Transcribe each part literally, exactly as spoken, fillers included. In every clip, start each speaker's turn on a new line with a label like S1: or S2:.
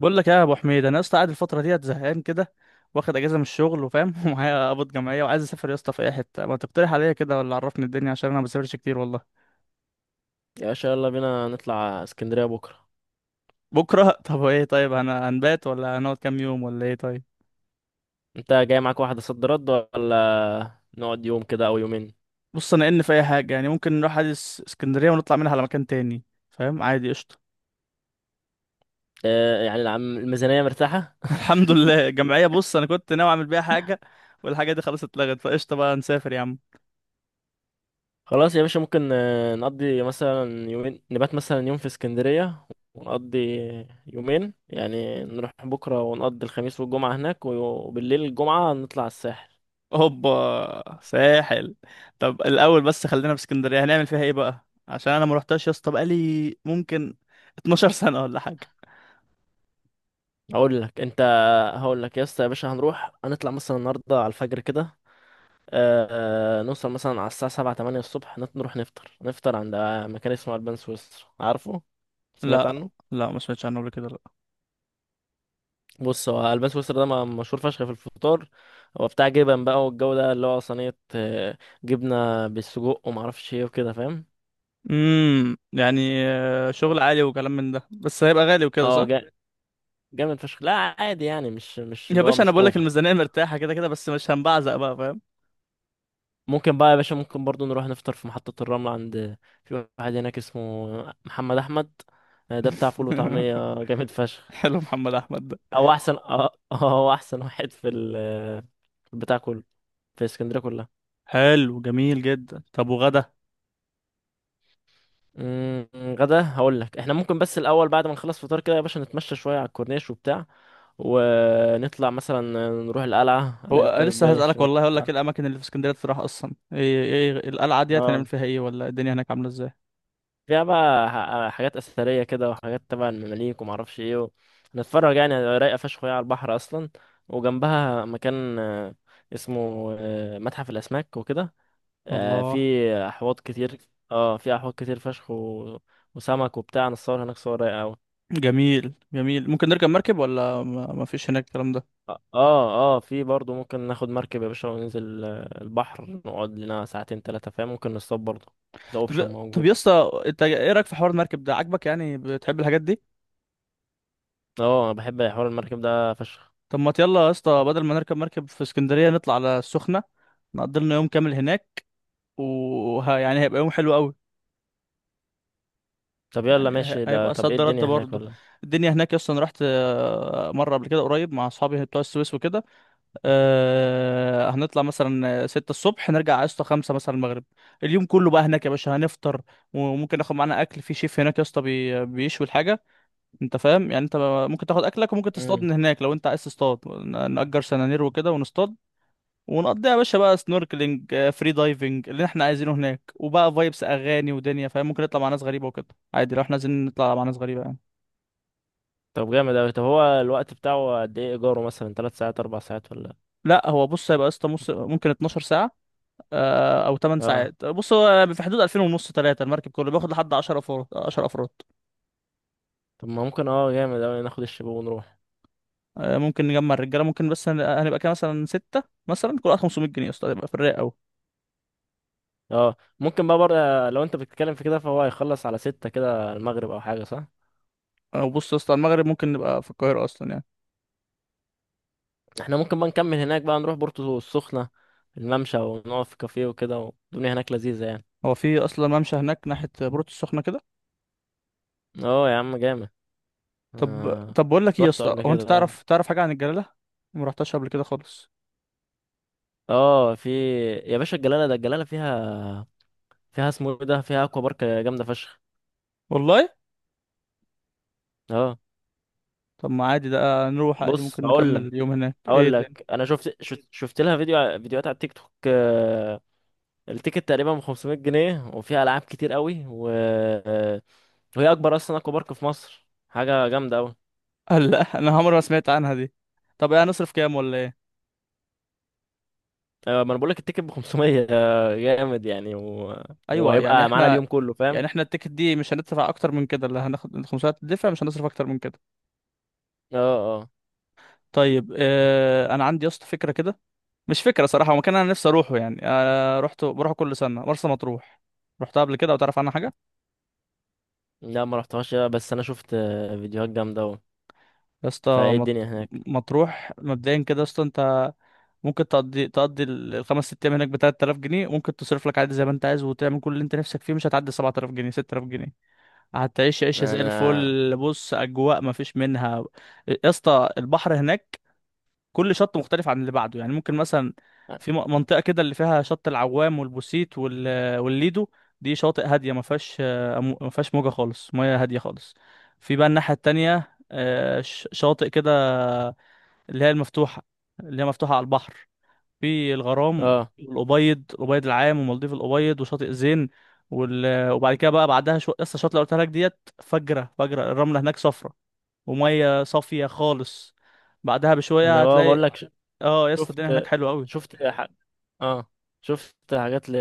S1: بقول لك ايه يا ابو حميد. انا يا اسطى قاعد الفتره ديت زهقان كده، واخد اجازه من الشغل وفاهم ومعايا قبض جمعيه وعايز اسافر يا اسطى في اي حته، ما تقترح عليا كده؟ ولا عرفني الدنيا، عشان انا ما بسافرش كتير والله.
S2: يا باشا يلا بينا نطلع اسكندرية بكرة.
S1: بكره طب ايه؟ طيب انا هنبات ولا هنقعد كام يوم ولا ايه؟ طيب
S2: انت جاي معاك واحدة صد رد، ولا نقعد يوم كده او يومين؟
S1: بص، انا ان في اي حاجه يعني ممكن نروح عادي اس- اسكندريه ونطلع منها على مكان تاني، فاهم؟ عادي، قشطه.
S2: اه يعني العم- الميزانية مرتاحة.
S1: الحمد لله الجمعيه، بص انا كنت ناوي اعمل بيها حاجه، والحاجه دي خلاص اتلغت، فقشطه بقى نسافر يا عم.
S2: خلاص يا باشا، ممكن آه، نقضي مثلا يومين، نبات مثلا يوم في اسكندرية ونقضي يومين، يعني نروح بكرة ونقضي الخميس والجمعة هناك، وبالليل الجمعة نطلع الساحل.
S1: هوبا، ساحل؟ طب الاول بس خلينا في اسكندريه، هنعمل فيها ايه بقى؟ عشان انا ما رحتهاش يا اسطى بقالي ممكن اتناشر سنه ولا حاجه.
S2: هقول لك انت هقول لك يا اسطى يا باشا، هنروح هنطلع مثلا النهاردة على الفجر كده، آه نوصل مثلا على الساعة سبعة تمانية الصبح، نت- نروح نفطر، نفطر عند مكان اسمه ألبان سويسرا، عارفه؟
S1: لا،
S2: سمعت عنه؟
S1: لا ما سمعتش عنه قبل كده، لا.
S2: بص، هو ألبان سويسرا ده م- مشهور فشخ في الفطار، هو بتاع جبن بقى، والجو ده اللي هو صينية آه، جبنة بالسجق ومعرفش ايه وكده، فاهم؟
S1: امم يعني آه، شغل عالي وكلام من ده، بس هيبقى غالي وكده،
S2: اه
S1: صح؟
S2: جا- جامد فشخ. لا عادي يعني، مش مش
S1: يا
S2: اللي هو
S1: باشا انا
S2: مش
S1: بقول لك
S2: اوفر.
S1: الميزانيه مرتاحه كده كده، بس مش هنبعزق بقى، فاهم؟
S2: ممكن بقى يا باشا، ممكن برضو نروح نفطر في محطة الرمل عند، في واحد هناك اسمه محمد أحمد، آه، ده بتاع فول وطعمية جامد فشخ.
S1: حلو، محمد احمد ده.
S2: هو احسن، اه، آه، هو احسن واحد في ال في البتاع كله، في اسكندريه كلها.
S1: حلو، جميل جدا. طب وغدا؟
S2: أمم، غدا هقول لك، احنا ممكن، بس الاول بعد ما نخلص فطار كده يا باشا نتمشى شويه على الكورنيش وبتاع، ونطلع مثلا نروح القلعه،
S1: هو
S2: قلعه
S1: آه، لسه
S2: قايتباي،
S1: هسألك
S2: سمعت
S1: والله، هقول لك ايه
S2: عنها؟
S1: الاماكن اللي في اسكندريه تروح؟ اصلا ايه ايه القلعه دي،
S2: اه،
S1: هنعمل فيها ايه؟ ولا الدنيا هناك عامله ازاي؟
S2: فيها بقى ح- حاجات اثريه كده، وحاجات تبع المماليك وما اعرفش ايه، و... نتفرج يعني، رايقه فشخ وهي على البحر اصلا، وجنبها مكان آه، اسمه آه، متحف الاسماك وكده، آه، في
S1: الله.
S2: احواض كتير. اه في احواض كتير فشخ، و... وسمك وبتاع، نصور هناك صور رايقه قوي.
S1: جميل جميل. ممكن نركب مركب ولا ما ما فيش هناك الكلام ده؟
S2: اه اه، آه، في برضه ممكن ناخد مركب يا باشا، وننزل آه، البحر، نقعد لنا ساعتين تلاتة، فاهم؟ ممكن نصطاد برضه، ده
S1: طب
S2: اوبشن
S1: طب
S2: موجود.
S1: يا اسطى، انت ايه رايك في حوار المركب ده؟ عاجبك؟ يعني بتحب الحاجات دي؟
S2: اه انا بحب حوار المركب ده فشخ.
S1: طب ما يلا يا اسطى، بدل ما نركب مركب في اسكندريه نطلع على السخنه، نقضي لنا يوم كامل هناك، وه... يعني هيبقى يوم حلو قوي.
S2: طب يلا
S1: يعني هي-
S2: ماشي ده،
S1: هيبقى
S2: طب ايه
S1: صد رد
S2: الدنيا هناك
S1: برضه.
S2: ولا؟
S1: الدنيا هناك يا اسطى انا رحت آه، مره قبل كده قريب مع اصحابي بتوع السويس وكده. آه هنطلع مثلا ستة الصبح، نرجع على اسطى خمسة مثلا المغرب. اليوم كله بقى هناك يا باشا، هنفطر، وممكن ناخد معانا اكل، في شيف هناك يا اسطى بي- بيشوي الحاجة، انت فاهم يعني؟ انت ممكن تاخد اكلك، وممكن تصطاد
S2: امم.
S1: من هناك لو انت عايز تصطاد، ن- نأجر سنانير وكده ونصطاد. ونقضيها يا باشا بقى سنوركلينج آه، فري دايفنج اللي احنا عايزينه هناك، وبقى فايبس اغاني ودنيا، فاهم؟ ممكن نطلع مع ناس غريبة وكده، عادي لو احنا عايزين نطلع مع ناس غريبة يعني.
S2: طب جامد اوي، طب هو الوقت بتاعه قد ايه ايجاره؟ مثلا تلات ساعات اربع ساعات ولا؟
S1: لا هو بص، هيبقى يا اسطى مص- ممكن اتناشر ساعة آه، او ثمان
S2: اه،
S1: ساعات. بص هو في حدود الفين ونص، ثلاثة المركب كله، بياخد لحد عشرة افراد، عشرة افراد.
S2: طب ما ممكن، اه جامد اوي، ناخد الشباب ونروح.
S1: آه، ممكن نجمع الرجاله، ممكن، بس هن- هنبقى كده مثلا ستة، مثلا كل واحد خمسمية جنيه يا اسطى، هيبقى في الرايق قوي.
S2: اه ممكن بقى بره، لو انت بتتكلم في كده، فهو هيخلص على ستة كده المغرب او حاجة، صح؟
S1: او بص يا اسطى، المغرب ممكن نبقى في القاهره اصلا يعني.
S2: احنا ممكن بقى نكمل هناك، بقى نروح بورتو السخنة، الممشى، ونقف في كافيه وكده، والدنيا هناك لذيذة يعني.
S1: هو في اصلا ممشى هناك ناحيه بورتو السخنه كده؟
S2: اه يا عم جامد.
S1: طب
S2: آه.
S1: طب بقول لك ايه يا
S2: رحته
S1: اسطى،
S2: قبل
S1: هو انت
S2: كده، اه.
S1: تعرف تعرف حاجه عن الجلاله؟ ما رحتهاش قبل كده خالص
S2: اه في يا باشا، الجلالة ده، الجلالة فيها، فيها اسمه ايه ده، فيها اكوا بارك جامدة فشخ.
S1: والله.
S2: اه.
S1: طب ما عادي، ده نروح عادي،
S2: بص
S1: ممكن
S2: هقول
S1: نكمل
S2: لك،
S1: اليوم هناك، ايه
S2: هقول
S1: ده؟
S2: لك انا شفت شفت, شفت لها فيديو، ع- فيديوهات على التيك توك، آه، التيكت تقريبا ب خمسمية جنيه، وفيها العاب كتير قوي، و... آه، وهي اكبر اصلا اكوا بارك في مصر، حاجه جامده قوي.
S1: آه، لا، انا عمري ما سمعت عنها دي. طب ايه هنصرف كام ولا ايه؟
S2: ما انا بقول لك، التيكت ب خمسمية آه، جامد يعني، و...
S1: ايوه يعني
S2: وهيبقى معانا
S1: احنا،
S2: اليوم كله، فاهم؟
S1: يعني احنا التيكت دي مش هندفع اكتر من كده، اللي هناخد الخمسمية تدفع، مش هنصرف اكتر من كده.
S2: اه اه.
S1: طيب اه، انا عندي يا اسطى فكره كده، مش فكره صراحه، هو مكان انا نفسي اروحه، يعني انا رحت بروحه كل سنه، مرسى مطروح. رحتها قبل كده او تعرف عنها حاجه؟
S2: لا ما رحتهاش، آه، بس انا شفت آه، فيديوهات جامده قوي.
S1: يا اسطى
S2: فايه الدنيا
S1: مط...
S2: هناك؟
S1: مطروح مبدئيا كده يا اسطى، انت ممكن تقضي تقضي ال- الخمس ست ايام هناك ب تلات تلاف جنيه، ممكن تصرف لك عادي زي ما انت عايز، وتعمل كل اللي انت نفسك فيه، مش هتعدي سبعة آلاف جنيه، ستة آلاف جنيه. هتعيش عيشة زي
S2: انا
S1: الفل. بص أجواء مفيش منها يا اسطى، البحر هناك كل شط مختلف عن اللي بعده. يعني ممكن مثلا
S2: اه.
S1: في م- منطقة كده، اللي فيها شط العوام والبوسيت وال- والليدو، دي شواطئ هادية، ما فيهاش آه، مو- ما فيهاش موجة خالص، مياه هادية خالص. في بقى الناحية التانية آه، ش- شواطئ كده اللي هي المفتوحة، اللي هي مفتوحة على البحر، في الغرام
S2: آه.
S1: والأبيض، الأبيض العام، ومالديف الأبيض، وشاطئ زين. وال... وبعد كده بقى بعدها شو لسه الشاطئ اللي قلتها لك ديت، فجرة، فجرة الرملة هناك صفرة، ومية صافية خالص. بعدها بشوية
S2: انا بقى بقول
S1: هتلاقي،
S2: لك، ش-
S1: اه يا اسطى الدنيا هناك
S2: شفت
S1: حلوة قوي.
S2: شفت ح... اه شفت حاجات، ل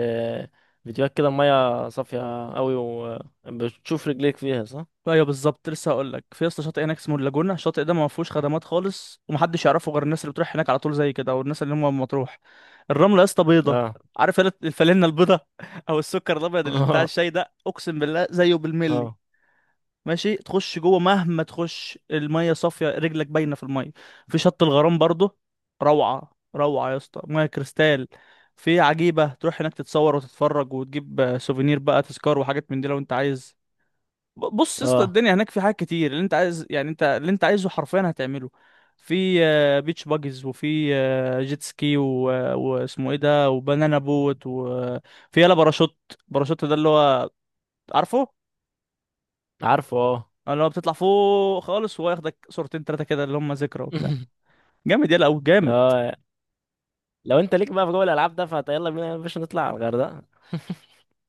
S2: فيديوهات كده، الميه صافيه قوي، وبتشوف رجليك فيها، صح؟
S1: ايوه بالظبط، لسه هقول لك، في يا اسطى شاطئ هناك اسمه اللاجونة، الشاطئ ده ما فيهوش خدمات خالص، ومحدش يعرفه غير الناس اللي بتروح هناك على طول زي كده، او الناس اللي هم من مطروح. الرملة يا اسطى بيضة،
S2: اه
S1: عارف الفلينة البيضة؟ او السكر الابيض اللي بتاع
S2: اه
S1: الشاي ده، اقسم بالله زيه بالملي.
S2: اه
S1: ماشي تخش جوه مهما تخش، الميه صافيه، رجلك باينه في الميه. في شط الغرام برضه، روعه روعه يا اسطى، ميه كريستال. في عجيبه، تروح هناك تتصور وتتفرج، وتجيب آه، سوفينير بقى، تذكار وحاجات من دي لو انت عايز. ب- بص يا اسطى
S2: اه،
S1: الدنيا هناك في حاجات كتير اللي انت عايز، يعني انت اللي انت عايزه حرفيا هتعمله. في آه، بيتش باجز، وفي آه، جيت سكي و- آه، واسمه ايه ده، وبنانا بوت، وفي يلا باراشوت، باراشوت ده اللي هو، عارفه؟
S2: عارفه، اه.
S1: أنا لو بتطلع فوق خالص، وياخدك صورتين تلاتة كده اللي هم ذكرى وبتاع، جامد يلا أو جامد.
S2: اه، لو انت ليك بقى في جوه الالعاب ده، فيلا بينا يا باشا نطلع على الغردقه.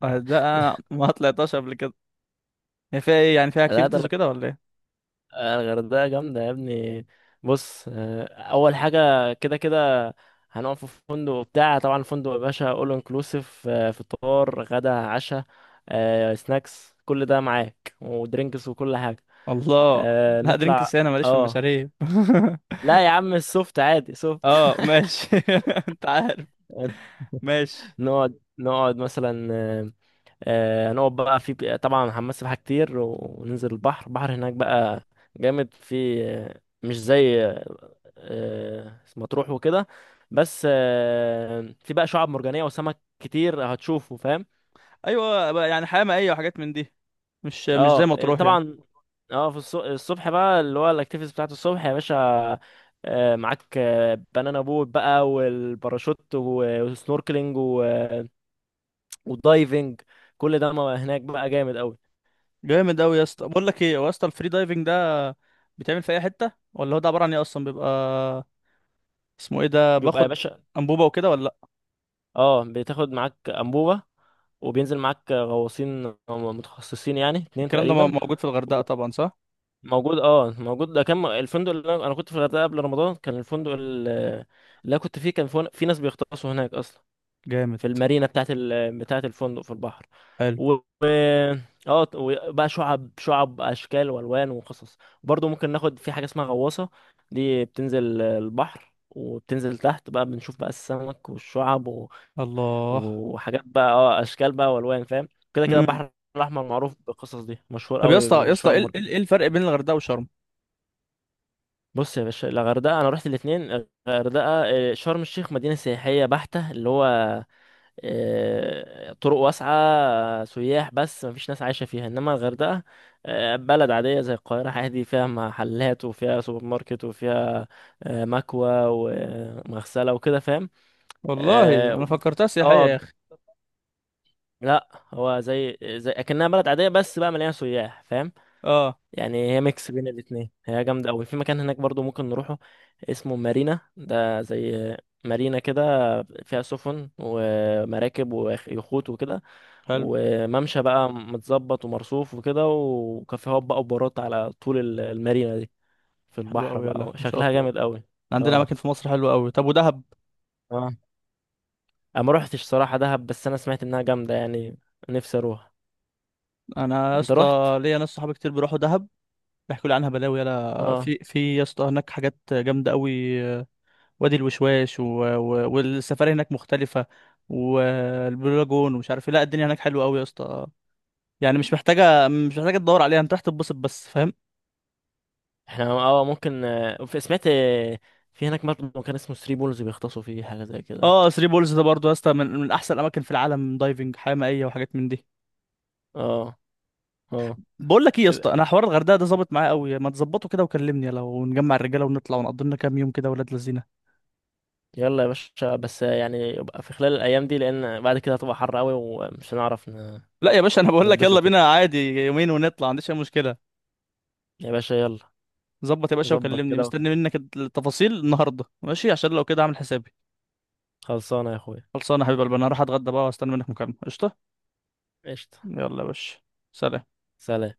S1: آه، ده أنا ما طلعتهاش قبل كده. هي فيها إيه يعني؟ فيها
S2: لا، ده
S1: أكتيفيتيز
S2: الغ-
S1: وكده ولا إيه؟
S2: الغردقه جامده يا ابني، بص آه، اول حاجه، كده كده هنقعد في فندق بتاع، طبعا الفندق يا باشا اول انكلوسيف، فطار غدا عشاء سناكس، كل ده معاك ودرينكس وكل حاجه.
S1: الله.
S2: آه،
S1: لا
S2: نطلع.
S1: درينكس أنا ماليش في
S2: اه
S1: المشاريب
S2: لا يا عم، السوفت عادي، سوفت.
S1: أه ماشي. أنت عارف. ماشي.
S2: نقعد نقعد مثلا آه، آه، هنقعد بقى في، طبعا هنمثل سباحة كتير، وننزل البحر، البحر هناك بقى جامد، في آه، مش زي آه، آه، مطروح وكده، بس آه، في بقى شعاب مرجانية وسمك كتير هتشوفه، فاهم؟
S1: أيوه بقى، يعني حياة مائية وحاجات من دي، مش مش زي
S2: اه
S1: ما
S2: آه،
S1: تروح يعني.
S2: طبعا. اه في الص- الصبح بقى اللي هو الاكتيفيتيز بتاعت الصبح يا باشا، آه، معاك آه، بنانا بوت بقى والباراشوت، و- والسنوركلينج، و- والدايفنج، كل ده ما هناك بقى جامد قوي.
S1: جامد أوي يا اسطى، بقول لك إيه، هو يا اسطى الفري دايفنج ده بيتعمل في أي حتة؟ ولا هو ده عبارة عن إيه أصلا؟ بيبقى اسمه إيه ده؟
S2: بيبقى يا
S1: باخد
S2: باشا،
S1: أنبوبة وكده ولا لأ؟
S2: اه بتاخد معاك انبوبه، وبينزل معاك غواصين متخصصين، يعني اتنين
S1: الكلام ده م-
S2: تقريبا.
S1: موجود في الغردقة طبعا صح؟
S2: موجود اه، موجود، ده كان الفندق، اللي انا أنا كنت في الغردقه قبل رمضان، كان الفندق ال- اللي انا كنت فيه، كان فن- في ناس بيغطسوا هناك اصلا،
S1: جامد.
S2: في المارينا بتاعت ال... بتاعت الفندق، في البحر.
S1: حلو.
S2: و و- اه بقى شعب شعب اشكال والوان وقصص، برضه ممكن ناخد في حاجه اسمها غواصه، دي بتنزل البحر، وبتنزل تحت بقى، بنشوف بقى السمك والشعب،
S1: الله.
S2: وحاجات بقى، اه، اشكال بقى والوان، فاهم؟ كده كده
S1: امم
S2: البحر الاحمر معروف بالقصص دي، مشهور
S1: طب يا
S2: قوي
S1: اسطى، يا اسطى
S2: بالشعاب
S1: ايه ال- ايه
S2: المرجانيه.
S1: الفرق بين الغردقه وشرم؟
S2: بص يا باشا، الغردقه انا رحت الاثنين، الغردقه آه، شرم الشيخ مدينه سياحيه بحته، اللي هو آه، طرق واسعه، آه، سياح، بس مفيش ناس عايشه فيها، انما الغردقه آه، بلد عاديه زي القاهره، عادي فيها محلات وفيها سوبر ماركت وفيها آه، مكوى ومغسله وكده، فاهم؟
S1: والله انا
S2: اه
S1: فكرتها سياحيه يا
S2: آه،
S1: اخي.
S2: لا هو زي زي اكنها بلد عاديه، بس بقى مليانه سياح، فاهم؟
S1: اه.
S2: يعني هي ميكس بين الاتنين، هي جامده قوي، في مكان هناك برضو ممكن نروحه، اسمه مارينا، ده زي مارينا كده، فيها سفن ومراكب ويخوت وكده،
S1: حلو.
S2: وممشى بقى متظبط ومرصوف وكده، وكافيهات بقى وبارات على طول ال- المارينا دي، في
S1: حلو
S2: البحر
S1: قوي، يلا
S2: بقى،
S1: ما شاء
S2: شكلها
S1: الله،
S2: جامد قوي.
S1: عندنا
S2: اه
S1: اماكن في مصر حلوه قوي. طب ودهب؟
S2: اه، انا ما روحتش صراحه دهب، بس انا سمعت انها جامده يعني، نفسي اروح.
S1: انا يا
S2: انت روحت؟
S1: اسطى ليا ناس صحابي كتير بيروحوا دهب، بيحكوا لي عنها بلاوي، يلا
S2: اه
S1: في في يا اسطى هناك حاجات جامده قوي. وادي الوشواش و... و... والسفاري هناك مختلفه، والبلو لاجون ومش عارف ايه. لا الدنيا هناك حلوه قوي يا اسطى، يعني مش محتاجه مش محتاجه تدور عليها، انت راح تتبسط بس، فاهم؟
S2: احنا، اه ممكن آه، في- سمعت آه، في هناك برضه كان اسمه ثري بولز، بيغطسوا فيه حاجة زي كده.
S1: اه، تري بولز ده برضو يا اسطى من من احسن الاماكن في العالم، دايفنج، حياه مائيه وحاجات من دي.
S2: اه اه.
S1: بقول لك ايه يا اسطى، انا حوار الغردقه ده ظابط معايا قوي، ما تظبطه كده وكلمني، لو نجمع الرجاله ونطلع ونقضي لنا كام يوم كده، ولاد لذينه.
S2: يلا يا باشا، بس آه، يعني يبقى في خلال الأيام دي، لأن بعد كده هتبقى حر قوي ومش هنعرف ن-
S1: لا يا باشا انا بقول لك يلا
S2: نتبسط يعني،
S1: بينا، عادي يومين ونطلع، ما عنديش اي مشكله.
S2: يا باشا يلا
S1: ظبط يا باشا،
S2: نظبط
S1: وكلمني
S2: كده.
S1: مستني منك التفاصيل النهارده، ماشي؟ عشان لو كده اعمل حسابي.
S2: خلصانة يا أخويا.
S1: خلصانه يا حبيب قلبي، انا هروح اتغدى بقى، واستنى منك مكالمه. قشطه.
S2: قشطة.
S1: يلا يا باشا. سلام.
S2: سلام.